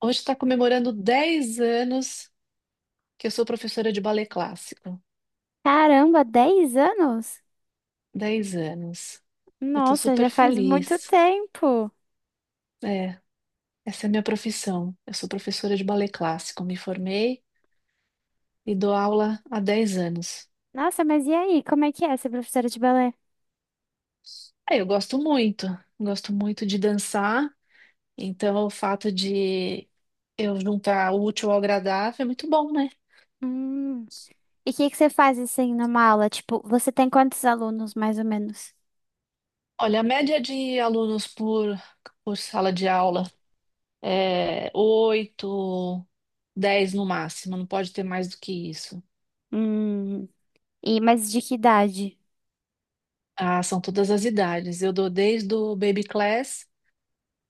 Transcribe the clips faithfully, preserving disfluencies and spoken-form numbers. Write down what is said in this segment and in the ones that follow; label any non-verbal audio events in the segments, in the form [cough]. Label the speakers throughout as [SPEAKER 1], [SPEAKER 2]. [SPEAKER 1] Hoje está comemorando dez anos que eu sou professora de balé clássico.
[SPEAKER 2] Caramba, dez anos?
[SPEAKER 1] Dez anos. Eu estou
[SPEAKER 2] Nossa,
[SPEAKER 1] super
[SPEAKER 2] já faz muito
[SPEAKER 1] feliz.
[SPEAKER 2] tempo.
[SPEAKER 1] É, essa é a minha profissão. Eu sou professora de balé clássico. Me formei e dou aula há dez anos.
[SPEAKER 2] Nossa, mas e aí? Como é que é ser professora de balé?
[SPEAKER 1] É, eu gosto muito. Gosto muito de dançar. Então, o fato de eu juntar o útil ao agradável é muito bom, né?
[SPEAKER 2] Hum. E o que que você faz assim numa aula? Tipo, você tem quantos alunos mais ou menos?
[SPEAKER 1] Olha, a média de alunos por, por sala de aula é, oito, dez no máximo, não pode ter mais do que isso.
[SPEAKER 2] Hum. E mas de que idade?
[SPEAKER 1] Ah, são todas as idades. Eu dou desde o baby class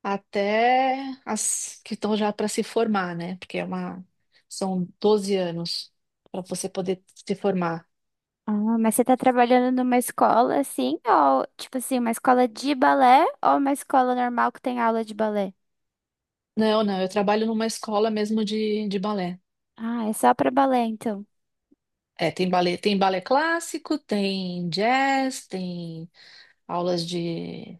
[SPEAKER 1] até as que estão já para se formar, né? Porque é uma, são doze anos para você poder se formar.
[SPEAKER 2] Ah, mas você tá trabalhando numa escola assim, ou tipo assim, uma escola de balé ou uma escola normal que tem aula de balé?
[SPEAKER 1] Não, não, eu trabalho numa escola mesmo de, de balé.
[SPEAKER 2] Ah, é só pra balé então.
[SPEAKER 1] É, tem balé, tem balé clássico, tem jazz, tem aulas de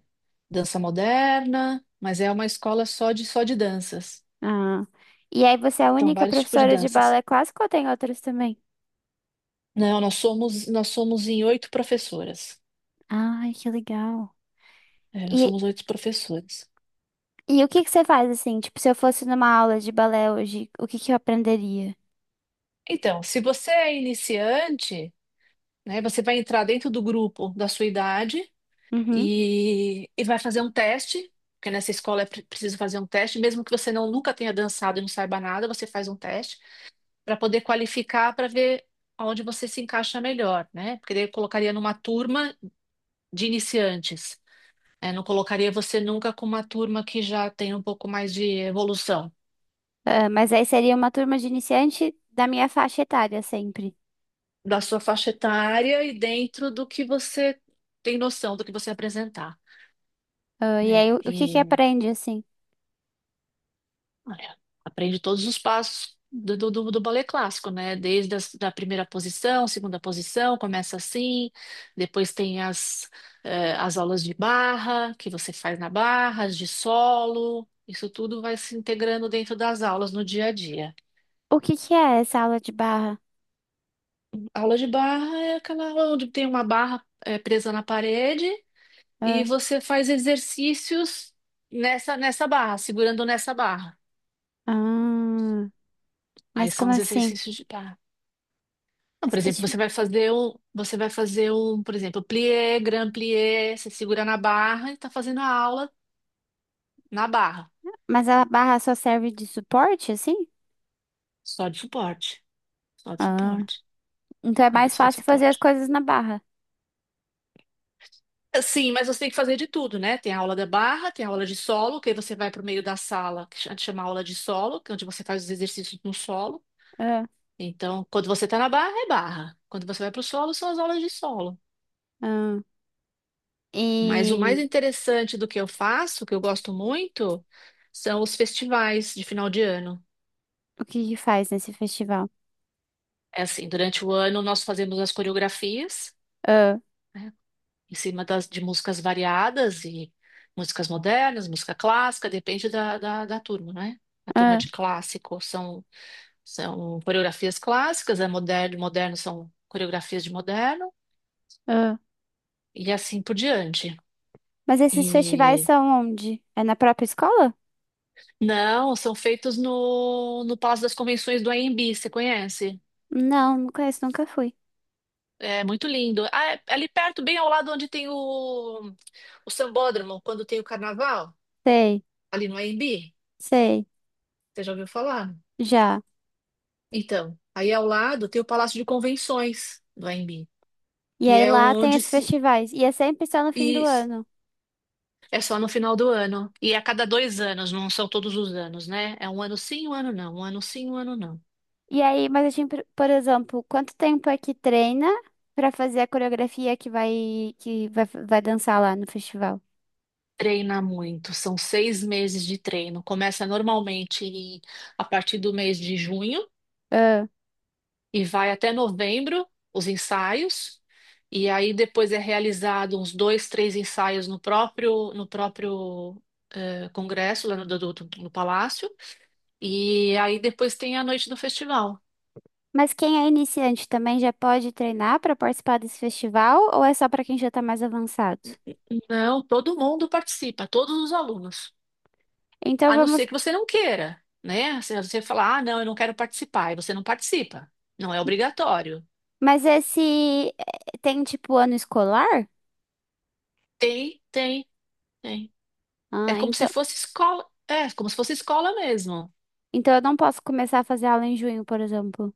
[SPEAKER 1] dança moderna, mas é uma escola só de só de danças.
[SPEAKER 2] Ah. E aí você é a
[SPEAKER 1] Então,
[SPEAKER 2] única
[SPEAKER 1] vários tipos de
[SPEAKER 2] professora de
[SPEAKER 1] danças.
[SPEAKER 2] balé clássico ou tem outras também?
[SPEAKER 1] Não, nós somos, nós somos em oito professoras.
[SPEAKER 2] Ai, que legal.
[SPEAKER 1] É, nós
[SPEAKER 2] E,
[SPEAKER 1] somos oito professoras.
[SPEAKER 2] e o que que você faz assim? Tipo, se eu fosse numa aula de balé hoje, o que que eu aprenderia?
[SPEAKER 1] Então, se você é iniciante, né, você vai entrar dentro do grupo da sua idade
[SPEAKER 2] Uhum.
[SPEAKER 1] e, e vai fazer um teste, porque nessa escola é pre- preciso fazer um teste, mesmo que você não nunca tenha dançado e não saiba nada, você faz um teste para poder qualificar para ver onde você se encaixa melhor, né? Porque daí eu colocaria numa turma de iniciantes. É, não colocaria você nunca com uma turma que já tem um pouco mais de evolução
[SPEAKER 2] Ah, mas aí seria uma turma de iniciante da minha faixa etária sempre.
[SPEAKER 1] da sua faixa etária e dentro do que você tem noção do que você apresentar,
[SPEAKER 2] Ah, e
[SPEAKER 1] né?
[SPEAKER 2] aí o, o que que
[SPEAKER 1] E
[SPEAKER 2] aprende assim?
[SPEAKER 1] olha, aprende todos os passos do, do, do do balé clássico, né? Desde as, da primeira posição, segunda posição, começa assim, depois tem as, eh, as aulas de barra que você faz na barra, as de solo, isso tudo vai se integrando dentro das aulas no dia a dia.
[SPEAKER 2] O que que é essa aula de barra?
[SPEAKER 1] Aula de barra é aquela onde tem uma barra é, presa na parede e
[SPEAKER 2] Ah,
[SPEAKER 1] você faz exercícios nessa, nessa barra, segurando nessa barra.
[SPEAKER 2] ah,
[SPEAKER 1] Aí
[SPEAKER 2] mas
[SPEAKER 1] são
[SPEAKER 2] como
[SPEAKER 1] os
[SPEAKER 2] assim?
[SPEAKER 1] exercícios de barra. Então,
[SPEAKER 2] Mas,
[SPEAKER 1] por
[SPEAKER 2] que
[SPEAKER 1] exemplo,
[SPEAKER 2] tipo-
[SPEAKER 1] você vai fazer um, você vai fazer um, por exemplo, plié, grand plié, você segura na barra e está fazendo a aula na barra,
[SPEAKER 2] mas a barra só serve de suporte, assim?
[SPEAKER 1] só de suporte, só de
[SPEAKER 2] Ah,
[SPEAKER 1] suporte,
[SPEAKER 2] então é
[SPEAKER 1] é,
[SPEAKER 2] mais
[SPEAKER 1] só de
[SPEAKER 2] fácil fazer as
[SPEAKER 1] suporte.
[SPEAKER 2] coisas na barra.
[SPEAKER 1] Sim, mas você tem que fazer de tudo, né? Tem a aula da barra, tem a aula de solo, que aí você vai para o meio da sala, que a gente chama aula de solo, que é onde você faz os exercícios no solo.
[SPEAKER 2] Ah,
[SPEAKER 1] Então, quando você está na barra, é barra. Quando você vai para o solo, são as aulas de solo.
[SPEAKER 2] ah.
[SPEAKER 1] Mas o mais
[SPEAKER 2] E
[SPEAKER 1] interessante do que eu faço, que eu gosto muito, são os festivais de final de ano.
[SPEAKER 2] o que que faz nesse festival?
[SPEAKER 1] É assim, durante o ano nós fazemos as coreografias, né?
[SPEAKER 2] Ah,
[SPEAKER 1] em cima das, de músicas variadas e músicas modernas, música clássica, depende da, da, da turma, né? A turma
[SPEAKER 2] ah.
[SPEAKER 1] de clássico são, são coreografias clássicas, a moderno, moderno são coreografias de moderno,
[SPEAKER 2] Ah,
[SPEAKER 1] e assim por diante.
[SPEAKER 2] mas esses festivais
[SPEAKER 1] E
[SPEAKER 2] são onde? É na própria escola?
[SPEAKER 1] não, são feitos no, no Palácio das Convenções do A M B, você conhece?
[SPEAKER 2] Não, não conheço, nunca fui.
[SPEAKER 1] É muito lindo. Ah, é ali perto, bem ao lado onde tem o, o Sambódromo, quando tem o carnaval,
[SPEAKER 2] Sei,
[SPEAKER 1] ali no A M B.
[SPEAKER 2] sei,
[SPEAKER 1] Você já ouviu falar?
[SPEAKER 2] já.
[SPEAKER 1] Então, aí ao lado tem o Palácio de Convenções do A M B.
[SPEAKER 2] E
[SPEAKER 1] E
[SPEAKER 2] aí
[SPEAKER 1] é
[SPEAKER 2] lá tem
[SPEAKER 1] onde
[SPEAKER 2] esses
[SPEAKER 1] se.
[SPEAKER 2] festivais. E é sempre só no fim do
[SPEAKER 1] Isso.
[SPEAKER 2] ano.
[SPEAKER 1] É só no final do ano. E é a cada dois anos, não são todos os anos, né? É um ano sim, um ano não. Um ano sim, um ano não.
[SPEAKER 2] E aí, mas assim, por por exemplo, quanto tempo é que treina pra fazer a coreografia que vai que vai, vai dançar lá no festival?
[SPEAKER 1] Treina muito. São seis meses de treino. Começa normalmente em- a partir do mês de junho
[SPEAKER 2] Ah,
[SPEAKER 1] e vai até novembro, os ensaios. E aí depois é realizado uns dois, três ensaios no próprio, no próprio eh, congresso, lá no, do, do, do- no palácio. E aí depois tem a noite do festival.
[SPEAKER 2] mas quem é iniciante também já pode treinar pra participar desse festival ou é só pra quem já tá mais avançado?
[SPEAKER 1] Não, todo mundo participa, todos os alunos.
[SPEAKER 2] Então
[SPEAKER 1] A não ser
[SPEAKER 2] vamos.
[SPEAKER 1] que você não queira, né? Se você falar, ah, não, eu não quero participar, e você não participa. Não é obrigatório.
[SPEAKER 2] Mas esse eh, tem tipo ano escolar?
[SPEAKER 1] Tem, tem, tem. É
[SPEAKER 2] Ah,
[SPEAKER 1] como se
[SPEAKER 2] então,
[SPEAKER 1] fosse escola, é como se fosse escola mesmo.
[SPEAKER 2] então eu não posso começar a fazer aula em junho, por exemplo.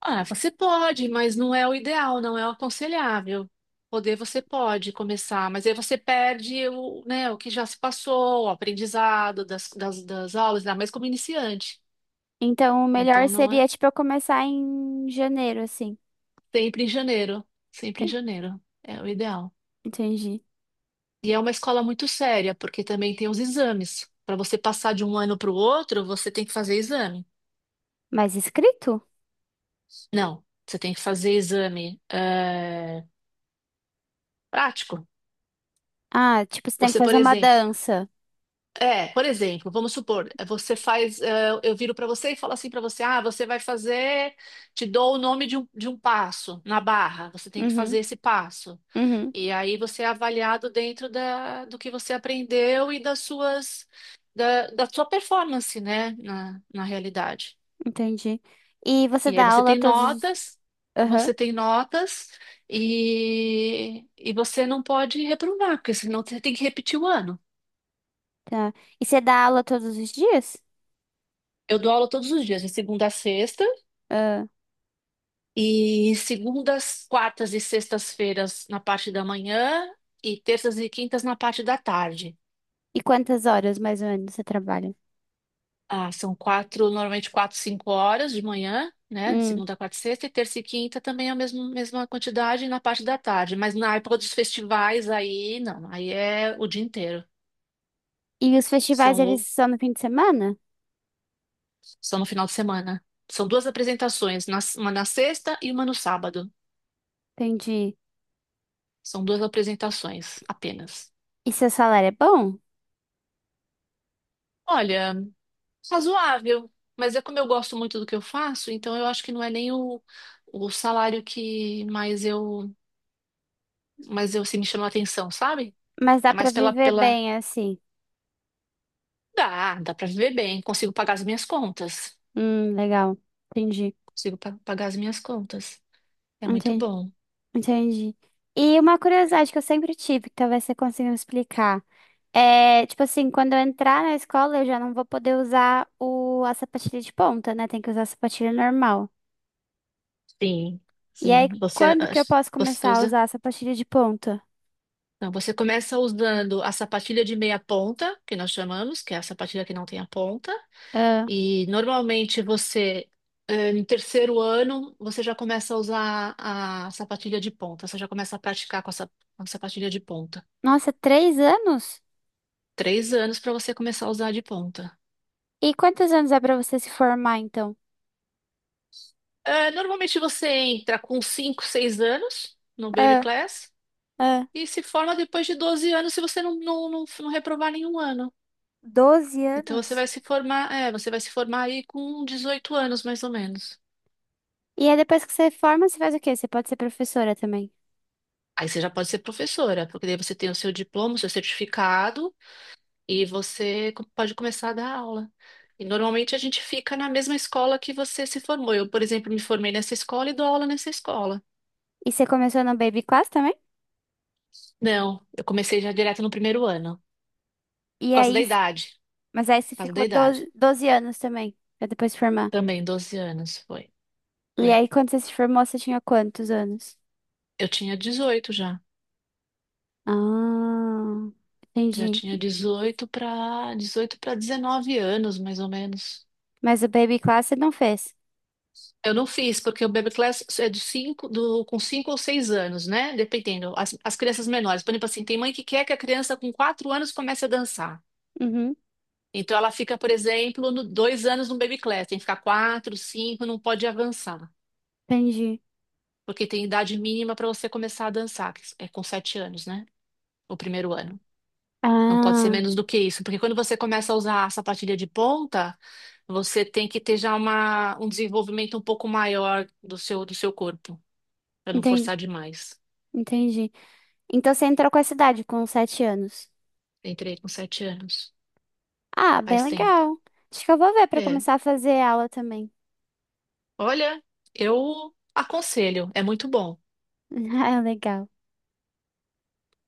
[SPEAKER 1] Ah, você pode, mas não é o ideal, não é o aconselhável. Poder você pode começar, mas aí você perde o, né, o que já se passou, o aprendizado das, das, das aulas, ainda mais como iniciante.
[SPEAKER 2] Então, o melhor
[SPEAKER 1] Então não
[SPEAKER 2] seria,
[SPEAKER 1] é.
[SPEAKER 2] tipo, eu começar em janeiro, assim.
[SPEAKER 1] Sempre em janeiro, sempre em
[SPEAKER 2] Enten-
[SPEAKER 1] janeiro. É o ideal.
[SPEAKER 2] Entendi.
[SPEAKER 1] E é uma escola muito séria, porque também tem os exames. Para você passar de um ano para o outro, você tem que fazer exame.
[SPEAKER 2] Mas escrito?
[SPEAKER 1] Não, você tem que fazer exame eh, prático.
[SPEAKER 2] Ah, tipo, você tem que
[SPEAKER 1] Você, por
[SPEAKER 2] fazer uma
[SPEAKER 1] exemplo,
[SPEAKER 2] dança.
[SPEAKER 1] É, por exemplo, vamos supor, você faz, eh, eu viro para você e falo assim para você, ah, você vai fazer, te dou o nome de um, de um passo na barra, você tem que
[SPEAKER 2] Uhum,
[SPEAKER 1] fazer esse passo.
[SPEAKER 2] uhum,
[SPEAKER 1] E aí você é avaliado dentro da, do que você aprendeu e das suas, da, da sua performance, né, na, na realidade.
[SPEAKER 2] entendi. E você
[SPEAKER 1] E aí
[SPEAKER 2] dá
[SPEAKER 1] você
[SPEAKER 2] aula
[SPEAKER 1] tem
[SPEAKER 2] todos os...
[SPEAKER 1] notas,
[SPEAKER 2] Aham,
[SPEAKER 1] você tem notas e, e você não pode reprovar, porque senão você tem que repetir o ano.
[SPEAKER 2] tá. E você dá aula todos os dias?
[SPEAKER 1] Eu dou aula todos os dias, de segunda a sexta,
[SPEAKER 2] Ah,
[SPEAKER 1] e segundas, quartas e sextas-feiras na parte da manhã e terças e quintas na parte da tarde.
[SPEAKER 2] e quantas horas, mais ou menos, você trabalha?
[SPEAKER 1] Ah, são quatro, normalmente quatro, cinco horas de manhã, né? De
[SPEAKER 2] Hum.
[SPEAKER 1] segunda, quarta e sexta, e terça e quinta também é a mesma, mesma quantidade na parte da tarde. Mas na época dos festivais, aí não, aí é o dia inteiro.
[SPEAKER 2] E os festivais,
[SPEAKER 1] São,
[SPEAKER 2] eles
[SPEAKER 1] o-
[SPEAKER 2] são no fim de semana?
[SPEAKER 1] São no final de semana. São duas apresentações, na- uma na sexta e uma no sábado.
[SPEAKER 2] Entendi.
[SPEAKER 1] São duas apresentações apenas.
[SPEAKER 2] E seu salário é bom?
[SPEAKER 1] Olha. Razoável, mas é como eu gosto muito do que eu faço, então eu acho que não é nem o, o salário que mais eu, mais eu se me chamou a atenção, sabe?
[SPEAKER 2] Mas dá
[SPEAKER 1] É
[SPEAKER 2] pra
[SPEAKER 1] mais pela,
[SPEAKER 2] viver
[SPEAKER 1] pela...
[SPEAKER 2] bem, assim.
[SPEAKER 1] Dá, dá pra viver bem, consigo pagar as minhas contas.
[SPEAKER 2] Hum, legal. Entendi.
[SPEAKER 1] Consigo pa- pagar as minhas contas. É muito
[SPEAKER 2] Entendi.
[SPEAKER 1] bom.
[SPEAKER 2] Entendi. E uma curiosidade que eu sempre tive, que talvez você consiga me explicar. É, tipo assim, quando eu entrar na escola, eu já não vou poder usar o, a sapatilha de ponta, né? Tem que usar a sapatilha normal.
[SPEAKER 1] Sim,
[SPEAKER 2] E aí,
[SPEAKER 1] sim. Você,
[SPEAKER 2] quando que eu
[SPEAKER 1] as-
[SPEAKER 2] posso
[SPEAKER 1] você
[SPEAKER 2] começar a
[SPEAKER 1] usa...
[SPEAKER 2] usar a sapatilha de ponta?
[SPEAKER 1] Não, você começa usando a sapatilha de meia ponta, que nós chamamos, que é a sapatilha que não tem a ponta.
[SPEAKER 2] Ah,
[SPEAKER 1] E normalmente você, eh, no terceiro ano, você já começa a usar a sapatilha de ponta, você já começa a praticar com a, sa- com a sapatilha de ponta.
[SPEAKER 2] nossa, três anos?
[SPEAKER 1] Três anos para você começar a usar a de ponta.
[SPEAKER 2] E quantos anos é pra você se formar, então?
[SPEAKER 1] Eh, normalmente você entra com cinco, seis anos no baby
[SPEAKER 2] Ah,
[SPEAKER 1] class
[SPEAKER 2] ah,
[SPEAKER 1] e se forma depois de doze anos se você não, não, não, não reprovar nenhum ano.
[SPEAKER 2] doze
[SPEAKER 1] Então você
[SPEAKER 2] anos?
[SPEAKER 1] vai se formar, é, você vai se formar aí com dezoito anos mais ou menos.
[SPEAKER 2] E aí, depois que você forma, você faz o quê? Você pode ser professora também.
[SPEAKER 1] Aí você já pode ser professora, porque daí você tem o seu diploma, o seu certificado e você co- pode começar a dar aula. E normalmente a gente fica na mesma escola que você se formou. Eu, por exemplo, me formei nessa escola e dou aula nessa escola.
[SPEAKER 2] E você começou no Baby Class também?
[SPEAKER 1] Não, eu comecei já direto no primeiro ano, por
[SPEAKER 2] E
[SPEAKER 1] causa da
[SPEAKER 2] aí,
[SPEAKER 1] idade,
[SPEAKER 2] mas aí você
[SPEAKER 1] por causa da
[SPEAKER 2] ficou
[SPEAKER 1] idade.
[SPEAKER 2] doze doze anos também, pra depois se formar.
[SPEAKER 1] Também doze anos foi,
[SPEAKER 2] E
[SPEAKER 1] foi.
[SPEAKER 2] aí, quando você se formou, você tinha quantos anos?
[SPEAKER 1] Eu tinha dezoito já.
[SPEAKER 2] Ah,
[SPEAKER 1] Já
[SPEAKER 2] entendi.
[SPEAKER 1] tinha dezoito para dezoito para dezenove anos, mais ou menos.
[SPEAKER 2] Mas o Baby Class você não fez.
[SPEAKER 1] Eu não fiz, porque o Baby Class é de cinco, do, com cinco ou seis anos, né? Dependendo. As, as crianças menores. Por exemplo, assim, tem mãe que quer que a criança com quatro anos comece a dançar.
[SPEAKER 2] Uhum,
[SPEAKER 1] Então, ela fica, por exemplo, no, dois anos no Baby Class. Tem que ficar quatro, cinco, não pode avançar.
[SPEAKER 2] entendi.
[SPEAKER 1] Porque tem idade mínima para você começar a dançar, que é com sete anos, né? O primeiro ano. Não pode ser
[SPEAKER 2] Ah,
[SPEAKER 1] menos do que isso. Porque quando você começa a usar a sapatilha de ponta, você tem que ter já uma, um desenvolvimento um pouco maior do seu, do seu corpo, para não
[SPEAKER 2] entendi,
[SPEAKER 1] forçar demais.
[SPEAKER 2] entendi. Então você entrou com essa idade, com sete anos.
[SPEAKER 1] Entrei com sete anos.
[SPEAKER 2] Ah, bem
[SPEAKER 1] Faz tempo.
[SPEAKER 2] legal. Acho que eu vou ver pra
[SPEAKER 1] É.
[SPEAKER 2] começar a fazer aula também.
[SPEAKER 1] Olha, eu aconselho, é muito bom.
[SPEAKER 2] [laughs] Ah, legal.